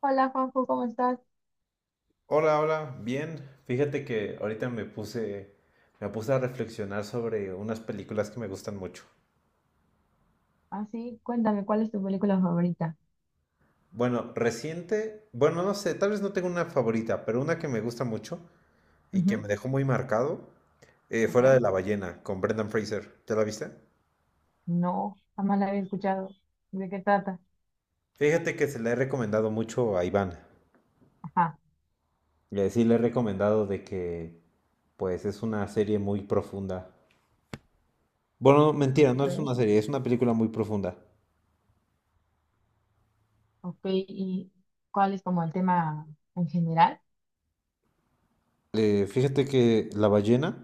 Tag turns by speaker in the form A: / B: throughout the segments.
A: Hola Juanjo, ¿cómo estás?
B: Hola, hola, bien. Fíjate que ahorita me puse a reflexionar sobre unas películas que me gustan mucho.
A: Así, cuéntame, ¿cuál es tu película favorita?
B: Bueno, reciente, bueno, no sé, tal vez no tengo una favorita, pero una que me gusta mucho y que
A: Ujú,
B: me dejó muy marcado, fue la
A: ok.
B: de La ballena, con Brendan Fraser. ¿Ya la viste?
A: No, jamás la había escuchado. ¿De qué trata?
B: Fíjate que se la he recomendado mucho a Iván.
A: Ajá,
B: Y así le he recomendado de que, pues, es una serie muy profunda. Bueno, no, mentira, no
A: ok.
B: es una serie, es una película muy profunda.
A: Ok. ¿Y cuál es como el tema en general?
B: Fíjate que La ballena.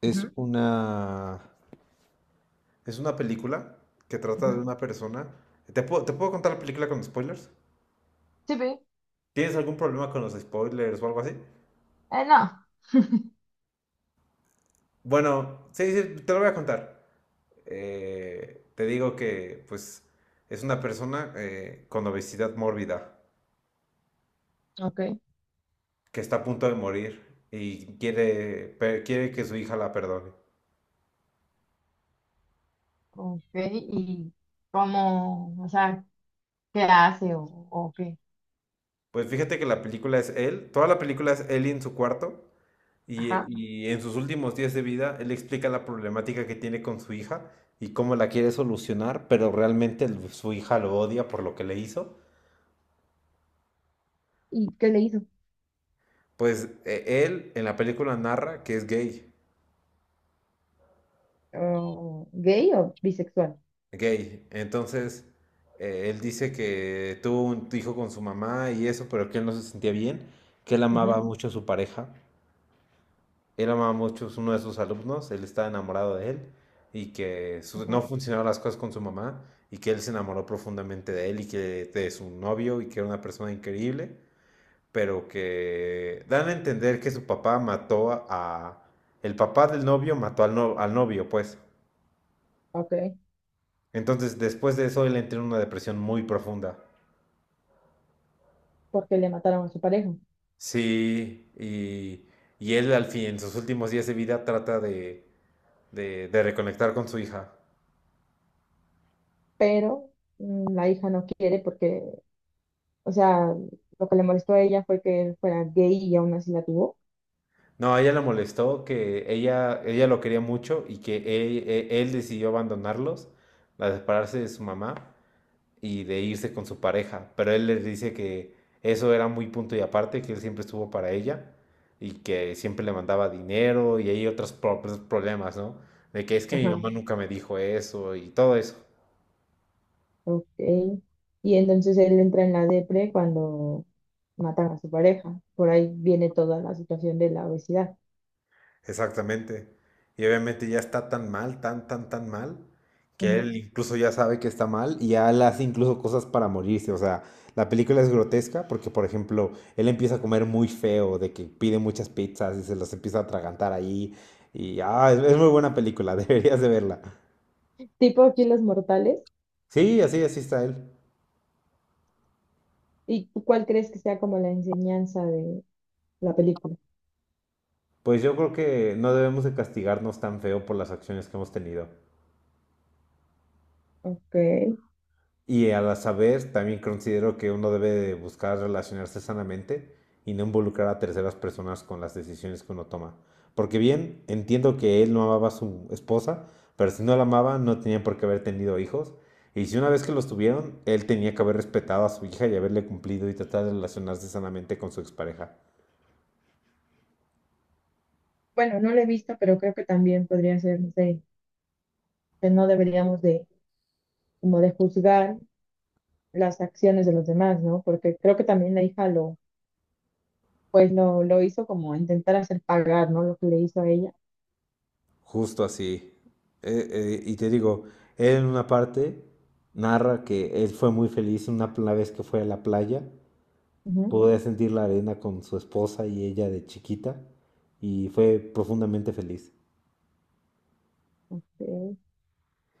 B: Es
A: Ujú,
B: una, es una película que trata de
A: ujú.
B: una persona. ¿Te puedo contar la película con spoilers?
A: Sí, pero,
B: ¿Tienes algún problema con los spoilers o algo así?
A: no.
B: Bueno, sí, sí, te lo voy a contar. Te digo que, pues, es una persona con obesidad mórbida
A: Ok.
B: que está a punto de morir y quiere, quiere que su hija la perdone.
A: Ok, ¿y cómo, o sea, qué hace o qué?
B: Pues fíjate que la película es él, toda la película es él en su cuarto.
A: Ajá.
B: Y en sus últimos días de vida, él explica la problemática que tiene con su hija y cómo la quiere solucionar, pero realmente su hija lo odia por lo que le hizo.
A: ¿Y qué le hizo?
B: Pues él en la película narra que es gay,
A: Oh, ¿gay o bisexual?
B: gay. Entonces, él dice que tuvo un hijo con su mamá y eso, pero que él no se sentía bien, que él
A: Ujú.
B: amaba mucho a su pareja. Él amaba mucho, es uno de sus alumnos, él estaba enamorado de él y que no
A: Ajá.
B: funcionaban las cosas con su mamá y que él se enamoró profundamente de él y que de su novio y que era una persona increíble, pero que dan a entender que su papá mató a... el papá del novio mató al, al novio, pues.
A: Ok.
B: Entonces, después de eso, él entró en una depresión muy profunda.
A: Porque le mataron a su pareja.
B: Sí, y él al fin, en sus últimos días de vida, trata de reconectar con su hija.
A: Pero la hija no quiere porque, o sea, lo que le molestó a ella fue que él fuera gay y aún así la tuvo.
B: No, a ella la molestó que ella lo quería mucho y que él, él decidió abandonarlos, a separarse de su mamá y de irse con su pareja. Pero él les dice que eso era muy punto y aparte, que él siempre estuvo para ella y que siempre le mandaba dinero y hay otros problemas, ¿no? De que es que mi
A: Ajá,
B: mamá nunca me dijo eso y todo eso.
A: ok. Y entonces él entra en la depre cuando matan a su pareja. Por ahí viene toda la situación de la obesidad.
B: Exactamente. Y obviamente ya está tan mal, tan mal, que
A: Ujú.
B: él incluso ya sabe que está mal y ya él hace incluso cosas para morirse. O sea, la película es grotesca porque, por ejemplo, él empieza a comer muy feo, de que pide muchas pizzas y se las empieza a atragantar ahí. Y es muy buena película, deberías de verla.
A: Tipo aquí los mortales.
B: Sí, así, así está él.
A: ¿Y tú cuál crees que sea como la enseñanza de la película?
B: Pues yo creo que no debemos de castigarnos tan feo por las acciones que hemos tenido.
A: Ok.
B: Y a la saber, también considero que uno debe buscar relacionarse sanamente y no involucrar a terceras personas con las decisiones que uno toma. Porque bien, entiendo que él no amaba a su esposa, pero si no la amaba no tenía por qué haber tenido hijos. Y si una vez que los tuvieron, él tenía que haber respetado a su hija y haberle cumplido y tratar de relacionarse sanamente con su expareja.
A: Bueno, no la he visto, pero creo que también podría ser, no sé, que no deberíamos de, como de juzgar las acciones de los demás, ¿no? Porque creo que también la hija lo, pues lo hizo como intentar hacer pagar, ¿no? Lo que le hizo a ella.
B: Justo así. Y te digo, él en una parte narra que él fue muy feliz una vez que fue a la playa.
A: Ujú,
B: Pude sentir la arena con su esposa y ella de chiquita y fue profundamente feliz.
A: ok.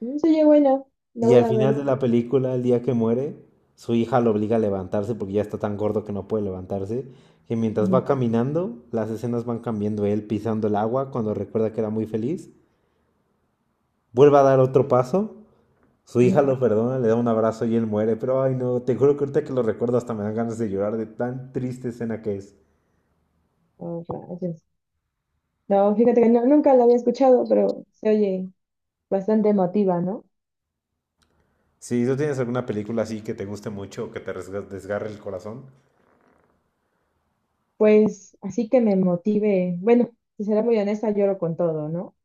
A: Mm, sí, oye, bueno, la
B: Y
A: voy
B: al
A: a
B: final
A: ver.
B: de la película, el día que muere, su hija lo obliga a levantarse porque ya está tan gordo que no puede levantarse. Que mientras
A: Ujú,
B: va caminando, las escenas van cambiando. Él pisando el agua cuando recuerda que era muy feliz. Vuelve a dar otro paso. Su hija
A: ujú.
B: lo perdona, le da un abrazo y él muere. Pero ay no, te juro que ahorita que lo recuerdo hasta me dan ganas de llorar de tan triste escena que es.
A: Oh, rayos. No, fíjate que nunca la había escuchado, pero se oye bastante emotiva, ¿no?
B: Si tú tienes alguna película así que te guste mucho o que te desgarre el corazón,
A: Pues así que me motive. Bueno, si será muy honesta, lloro con todo, ¿no?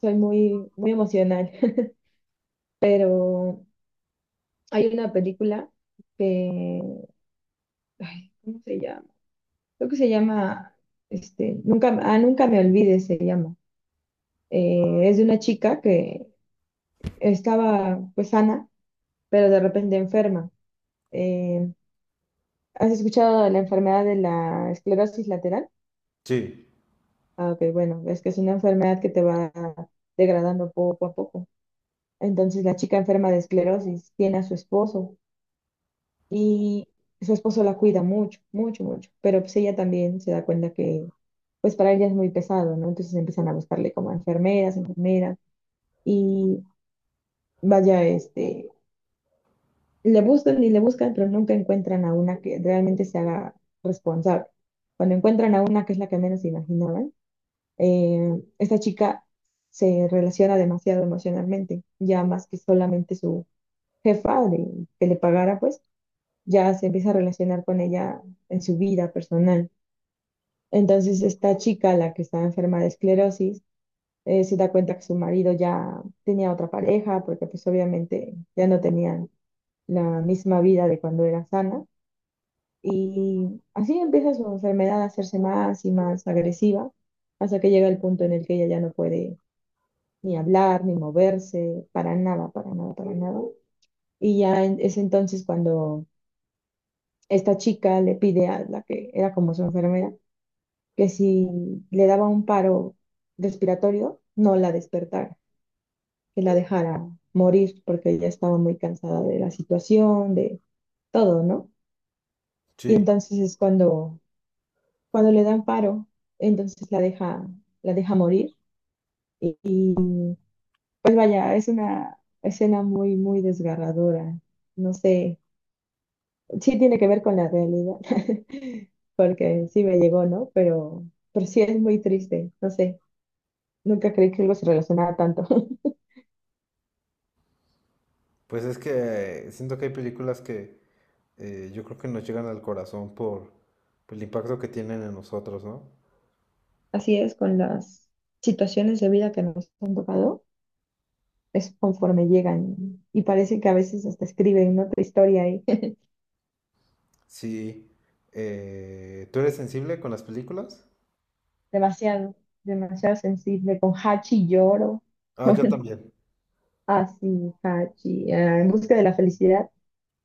A: Soy muy, muy emocional. Pero hay una película que, ay, ¿cómo se llama? Creo que se llama, este, nunca me olvides se llama. Es de una chica que estaba pues sana, pero de repente enferma. Eh, ¿has escuchado de la enfermedad de la esclerosis lateral?
B: sí,
A: Ah, ok, bueno, es que es una enfermedad que te va degradando poco a poco. Entonces la chica enferma de esclerosis tiene a su esposo. Y su esposo la cuida mucho, mucho, mucho. Pero pues ella también se da cuenta que, pues para ella es muy pesado, ¿no? Entonces empiezan a buscarle como enfermeras, enfermeras. Y vaya, este, le buscan y le buscan, pero nunca encuentran a una que realmente se haga responsable. Cuando encuentran a una que es la que menos se imaginaban, esta chica se relaciona demasiado emocionalmente, ya más que solamente su jefa de, que le pagara, pues ya se empieza a relacionar con ella en su vida personal. Entonces, esta chica, la que estaba enferma de esclerosis, se da cuenta que su marido ya tenía otra pareja, porque pues obviamente ya no tenían la misma vida de cuando era sana. Y así empieza su enfermedad a hacerse más y más agresiva, hasta que llega el punto en el que ella ya no puede ni hablar, ni moverse, para nada, para nada, para nada. Y ya es entonces cuando esta chica le pide a la que era como su enfermera, que si le daba un paro respiratorio, no la despertara, que la dejara morir porque ella estaba muy cansada de la situación, de todo, ¿no? Y
B: sí.
A: entonces es cuando, le dan paro, entonces la deja morir. Y, pues vaya, es una escena muy, muy desgarradora. No sé, sí tiene que ver con la realidad, porque sí me llegó, ¿no? Pero sí es muy triste, no sé. Nunca creí que algo se relacionara tanto.
B: Pues es que siento que hay películas que yo creo que nos llegan al corazón por el impacto que tienen en nosotros, ¿no?
A: Así es, con las situaciones de vida que nos han tocado, es conforme llegan. Y parece que a veces hasta escriben, ¿no?, otra historia ahí.
B: Sí. ¿Tú eres sensible con las películas?
A: Demasiado, demasiado sensible. Con Hachi lloro.
B: Ah, yo también,
A: Así, Hachi. En busca de la felicidad.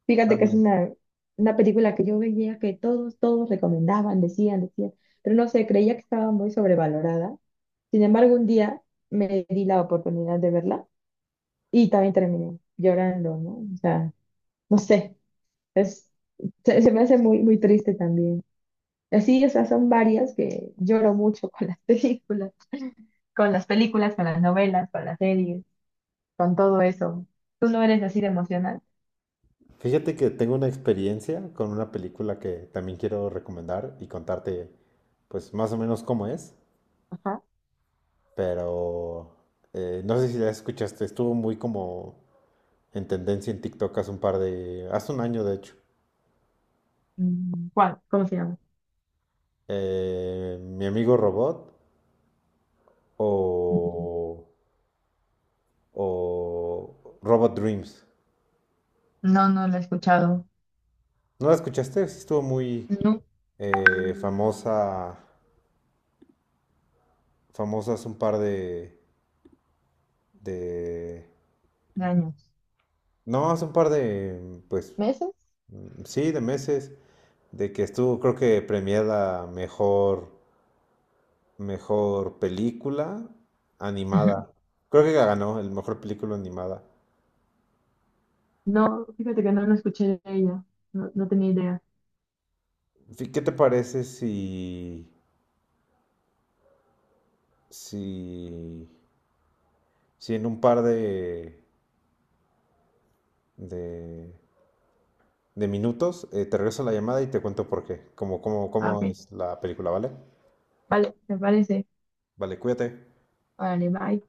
A: Fíjate que es
B: también.
A: una, película que yo veía que todos, todos recomendaban, decían, decían. Pero no sé, creía que estaba muy sobrevalorada. Sin embargo, un día me di la oportunidad de verla y también terminé llorando, ¿no? O sea, no sé. Es, se me hace muy, muy triste también. Así, o sea, son varias que lloro mucho con las películas, con las novelas, con las series, con todo eso. ¿Tú no eres así de emocional?
B: Fíjate que tengo una experiencia con una película que también quiero recomendar y contarte, pues más o menos cómo es,
A: Ajá.
B: pero no sé si la escuchaste, estuvo muy como en tendencia en TikTok hace un par de, hace un año de hecho.
A: Mm, ¿cuál? ¿Cómo se llama?
B: Mi amigo Robot
A: Mm,
B: o, o Robot Dreams.
A: no, no lo he escuchado.
B: ¿No la escuchaste? Sí estuvo muy
A: No,
B: famosa, famosa hace un par de...
A: de años.
B: No, hace un par de, pues,
A: ¿Meses?
B: sí, de meses, de que estuvo, creo que premiada mejor, mejor película
A: Ujú.
B: animada. Creo que ganó el mejor película animada.
A: No, fíjate que no lo escuché de ella. No, no tenía idea.
B: ¿Qué te parece si, si si en un par de, de minutos te regreso la llamada y te cuento por qué, cómo, cómo,
A: Ah,
B: cómo
A: ok.
B: es la película, ¿vale?
A: Vale, me parece.
B: Vale, cuídate.
A: Vale, bye.